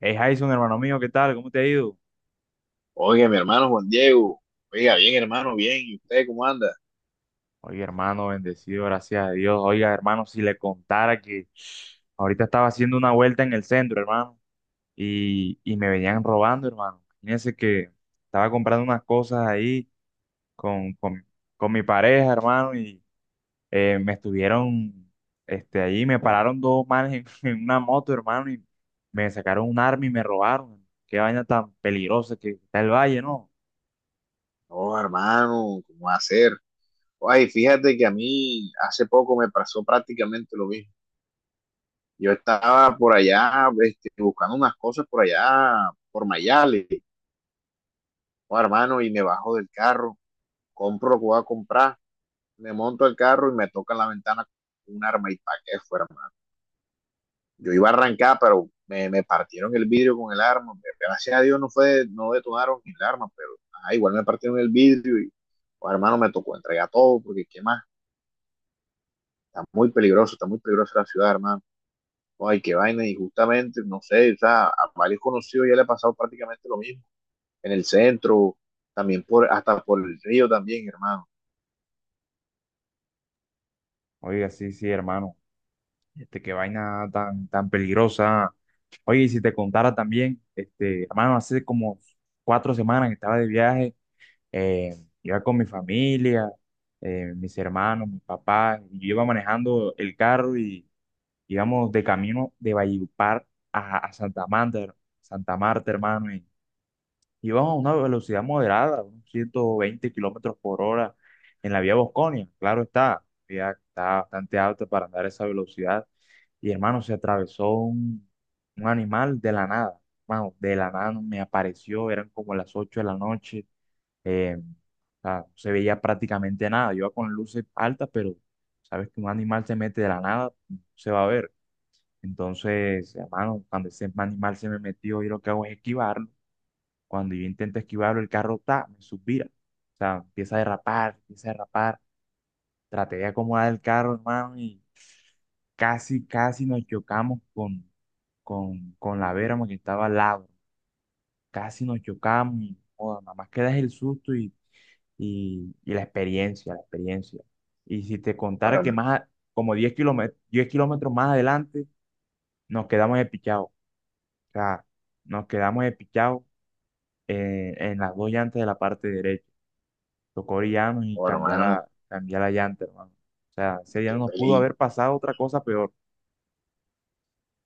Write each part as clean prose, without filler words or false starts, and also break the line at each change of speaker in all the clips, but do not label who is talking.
Hey Jason, hermano mío, ¿qué tal? ¿Cómo te ha ido?
Oiga, mi hermano Juan Diego. Oiga, bien, hermano, bien. ¿Y usted cómo anda?
Oye, hermano, bendecido, gracias a Dios. Oiga, hermano, si le contara que ahorita estaba haciendo una vuelta en el centro, hermano, y me venían robando, hermano. Fíjense que estaba comprando unas cosas ahí con, con, con mi pareja, hermano, y eh, me estuvieron, ahí me pararon dos manes en una moto, hermano, y me sacaron un arma y me robaron. Qué vaina tan peligrosa que está el valle, ¿no?
No, hermano, ¿cómo va a ser? Ay, fíjate que a mí hace poco me pasó prácticamente lo mismo. Yo estaba por allá, buscando unas cosas por allá, por Mayale. Oh, hermano, y me bajo del carro, compro lo que voy a comprar, me monto al carro y me toca en la ventana un arma y pa' qué fue, yo iba a arrancar, pero partieron el vidrio con el arma. Gracias a Dios no fue, no detonaron el arma, pero igual me partieron el vidrio y, pues, hermano, me tocó entregar todo, porque qué más, está muy peligroso, está muy peligrosa la ciudad, hermano. Oh, ay, qué vaina, y justamente, no sé, o sea, a varios conocidos ya le ha pasado prácticamente lo mismo, en el centro, también por, hasta por el río también, hermano.
Oiga, sí, sí, hermano. Qué vaina tan, tan peligrosa. Oye, y si te contara también, hermano, hace como 4 semanas que estaba de viaje, eh, iba con mi familia, mis hermanos, mi papá, y yo iba manejando el carro y íbamos de camino de Valledupar a Santa Marta, hermano, y íbamos a una velocidad moderada, unos 120 kilómetros por hora en la vía Bosconia, claro está, ya está bastante alta para andar a esa velocidad y hermano, se atravesó un animal de la nada. Hermano, de la nada no me apareció, eran como las 8 de la noche. O sea, no se veía prácticamente nada. Yo iba con luces altas, pero sabes que un animal se mete de la nada, no se va a ver. Entonces, hermano, cuando ese animal se me metió, yo lo que hago es esquivarlo. Cuando yo intento esquivarlo, el carro me suspira. O sea, empieza a derrapar, empieza a derrapar. Traté de acomodar el carro, hermano, y casi, casi nos chocamos con la Vera, que estaba al lado. Casi nos chocamos y, joda, nada más queda es el susto y la experiencia. Y si te contara que
Bueno,
más, como 10 kilómetros, 10 kilómetros más adelante, nos quedamos espichados. O sea, nos quedamos espichados, en las dos llantas de la parte derecha. Tocó orillarnos y
bueno
cambiar
hermano,
la llanta, hermano. O sea, ese día no
qué
nos pudo
peligro,
haber pasado otra cosa peor.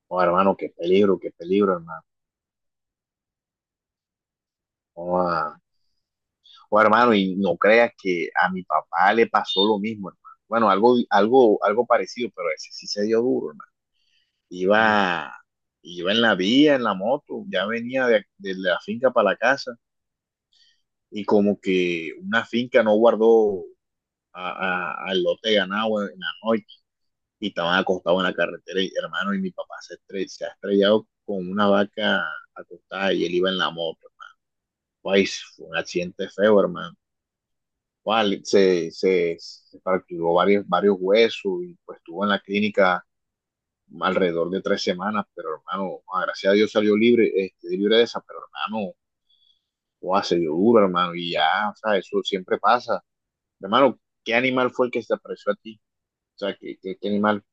bueno, hermano, qué peligro, hermano. Bueno, bueno, hermano, y no creas que a mi papá le pasó lo mismo, hermano. Bueno, algo parecido, pero ese sí se dio duro, hermano.
Y
Iba, Iba en la vía, en la moto, ya venía de la finca para la casa y como que una finca no guardó a- al lote de ganado en la noche y estaban acostados en la carretera, y, hermano, y mi papá se, se ha estrellado con una vaca acostada y él iba en la moto. Pues, fue un accidente feo, hermano. Bueno, se fracturó varios huesos y pues estuvo en la clínica alrededor de 3 semanas, pero hermano, ah, gracias a Dios salió libre, libre de esa, pero hermano, wow, se dio duro, hermano, y ya, o sea, eso siempre pasa. Hermano, ¿qué animal fue el que se apareció a ti? O sea, ¿qué animal?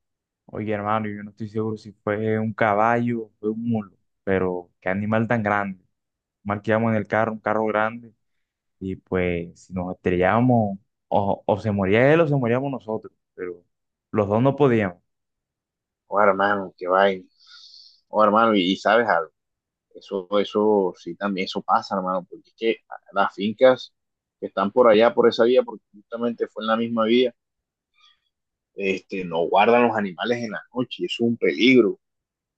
Oye, hermano, yo no estoy seguro si fue un caballo o fue un mulo, pero qué animal tan grande. Mal marqueamos en el carro, un carro grande, y pues si nos estrellábamos, o se moría él o se moríamos nosotros, pero los dos no podíamos.
Oh, hermano, qué vaina. Oh, hermano, y sabes algo, eso sí también, eso pasa, hermano, porque es que las fincas que están por allá, por esa vía, porque justamente fue en la misma vía no guardan los animales en la noche, es un peligro.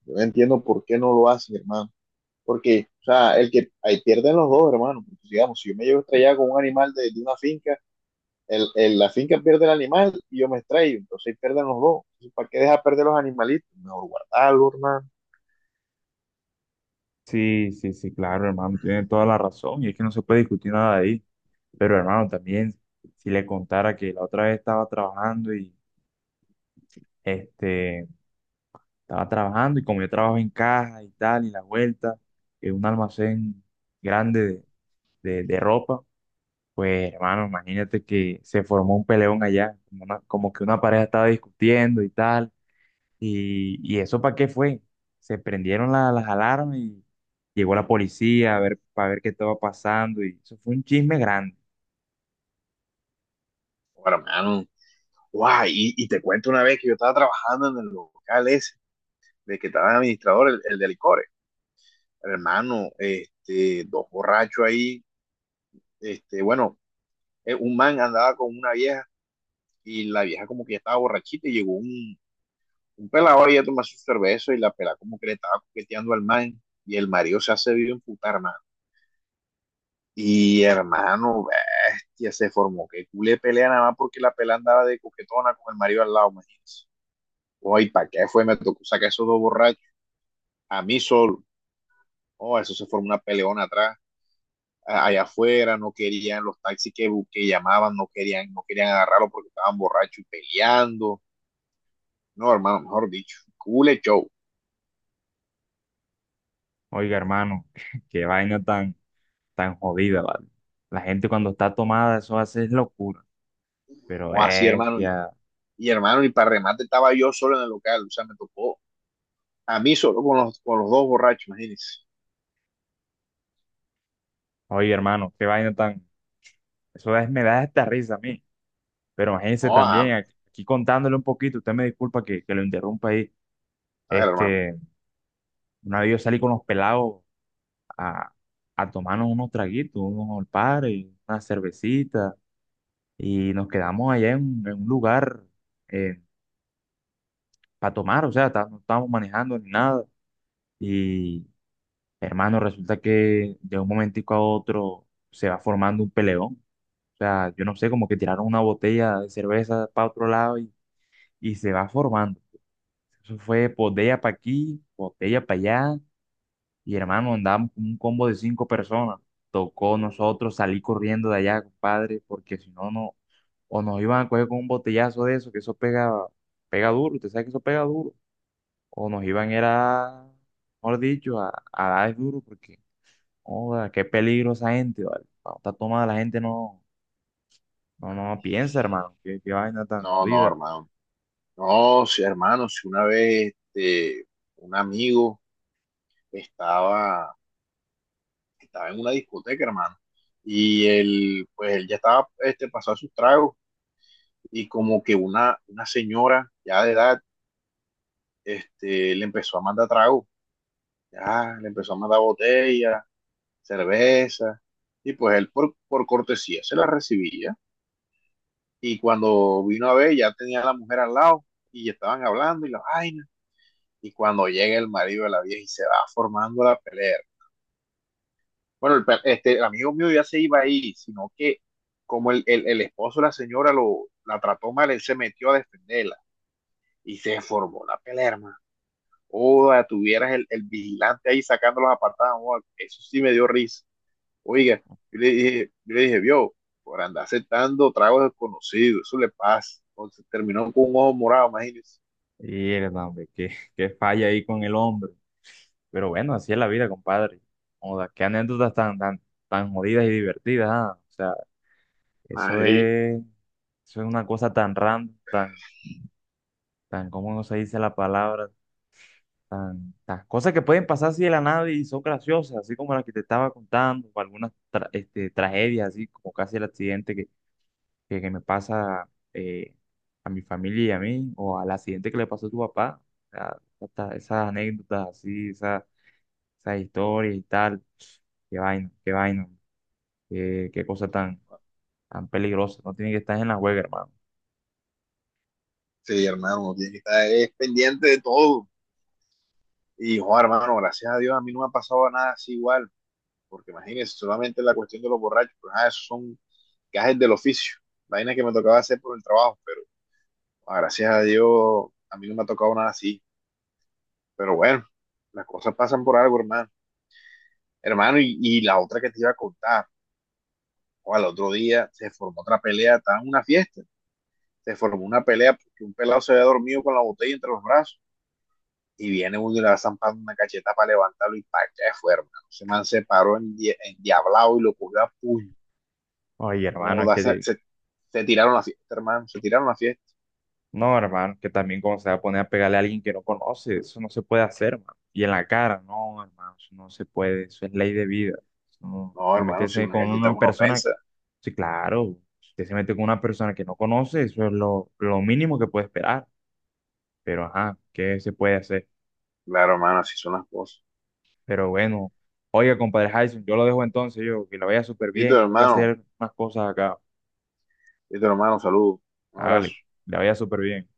Yo no entiendo por qué no lo hacen, hermano. Porque, o sea, el que ahí pierden los dos, hermano. Porque, digamos, si yo me llevo estrellado con un animal de una finca, la finca pierde el animal y yo me extraigo, entonces ahí pierden los dos. Entonces, ¿para qué dejar perder los animalitos? Mejor guardarlo, hermano.
Sí, sí, sí, claro, hermano, tiene toda la razón, y es que no se puede discutir nada de ahí. Pero, hermano, también, si le contara que la otra vez este, estaba trabajando, y como yo trabajo en caja y tal, y la vuelta, en un almacén grande de ropa, pues hermano, imagínate que se formó un peleón allá, como, como que una pareja estaba discutiendo y tal, y eso para qué fue, se prendieron las alarmas y llegó la policía a ver, para ver qué estaba pasando, y eso fue un chisme grande.
Bueno, hermano, guau, y te cuento una vez que yo estaba trabajando en el local ese, de que estaba el administrador, el de licores. Hermano, este, dos borrachos ahí, este, bueno, un man andaba con una vieja y la vieja como que estaba borrachita y llegó un pelado ahí a tomar su cerveza y la pelada como que le estaba coqueteando al man y el marido se hace vivo putar, hermano. Y hermano, bestia, se formó que culé pelea nada más porque la pelada andaba de coquetona con el marido al lado, imagínense. Oye, ¿para qué fue? Me tocó sacar esos dos borrachos a mí solo. Oh, eso se formó una peleona atrás allá afuera, no querían los taxis que, que llamaban, no querían agarrarlo porque estaban borrachos y peleando. No, hermano, mejor dicho, cool show.
Oiga, hermano, qué vaina tan, tan jodida, ¿vale? La gente cuando está tomada, eso hace es locura, pero
O así, hermano.
bestia,
Y, hermano, y para remate estaba yo solo en el local. O sea, me tocó a mí solo con con los dos borrachos, imagínense.
oye, hermano, qué vaina tan, me da esta risa a mí. Pero imagínense
No,
también, aquí contándole un poquito, usted me disculpa que lo interrumpa ahí.
a ver, hermano.
Este, una vez yo salí con los pelados a, a tomarnos unos traguitos, unos al par y una cervecita, y nos quedamos allá en un lugar para tomar, o sea, no estábamos manejando ni nada. Y hermano, resulta que de un momentico a otro se va formando un peleón. O sea, yo no sé, como que tiraron una botella de cerveza para otro lado y se va formando. Eso fue botella para aquí, botella para allá. Y hermano, andábamos con un combo de cinco personas. Tocó nosotros salir corriendo de allá, compadre, porque si no, no, o nos iban a coger con un botellazo de eso, que eso pega, pega duro, usted sabe que eso pega duro. O nos iban era, mejor dicho, a dar duro, porque, joda, qué peligro esa gente, ¿vale? Cuando está tomada la gente no, no, no piensa, hermano, qué vaina tan
No, no,
jodida.
hermano. No, sí, hermano, si una vez un amigo estaba, estaba en una discoteca, hermano, y él, pues él ya estaba pasado sus tragos, y como que una señora ya de edad le empezó a mandar tragos, ya le empezó a mandar botellas, cerveza, y pues él por cortesía se la recibía. Y cuando vino a ver, ya tenía a la mujer al lado y ya estaban hablando y la vaina. Y cuando llega el marido de la vieja y se va formando la pelea. Bueno, el amigo mío ya se iba ahí, sino que como el esposo de la señora la trató mal, él se metió a defenderla y se formó la pelea, hermano. Oda, tuvieras el vigilante ahí sacando los apartados, eso sí me dio risa. Oiga, yo le dije, vio, por andar aceptando tragos desconocidos, eso le pasa. Entonces terminó con un ojo morado, imagínese.
Y, hermano, hombre, qué falla ahí con el hombre. Pero bueno, así es la vida, compadre. Joda, qué anécdotas tan, tan, tan jodidas y divertidas, ah. O sea, eso
Ahí,
es, eso es una cosa tan random, tan, tan, ¿cómo no se dice la palabra? Tan, tan, cosas que pueden pasar así de la nada y son graciosas, así como la que te estaba contando, o algunas tragedias, así como casi el accidente que me pasa a mi familia y a mí, o al accidente que le pasó a tu papá. O sea, hasta esas anécdotas así, esa historia y tal. Qué vaina, qué vaina, qué cosa tan, tan peligrosa. No tiene que estar en la juega, hermano.
sí, hermano, uno tiene que estar pendiente de todo. Y, joder, hermano, gracias a Dios a mí no me ha pasado nada así igual, porque imagínese, solamente la cuestión de los borrachos, pues, ah, esos son gajes del oficio, vainas que me tocaba hacer por el trabajo, pero ah, gracias a Dios a mí no me ha tocado nada así. Pero bueno, las cosas pasan por algo, hermano. Hermano, y la otra que te iba a contar, o al otro día se formó otra pelea, estaba en una fiesta, se formó una pelea porque un pelado se había dormido con la botella entre los brazos y viene uno y le va zampando una cacheta para levantarlo y para que fue, hermano. Se man se paró en, diablado y lo cogió a puño.
Oye, hermano,
Como se tiraron la fiesta, hermano, se tiraron la fiesta.
no, hermano, que también como se va a poner a pegarle a alguien que no conoce, eso no se puede hacer, hermano. Y en la cara, no, hermano, eso no se puede, eso es ley de vida. Eso no-
No,
A
hermano, si
meterse
una
con
galleta es
una
una
persona,
ofensa.
sí, claro, si usted se mete con una persona que no conoce, eso es lo mínimo que puede esperar. Pero, ajá, ¿qué se puede hacer?
Claro, hermano, así son las cosas.
Pero bueno, oiga, compadre Jason, yo lo dejo entonces, yo, que la vaya súper
Listo,
bien, tengo que
hermano.
hacer unas cosas acá.
Listo, hermano, saludos. Un abrazo.
Hágale, la vaya súper bien.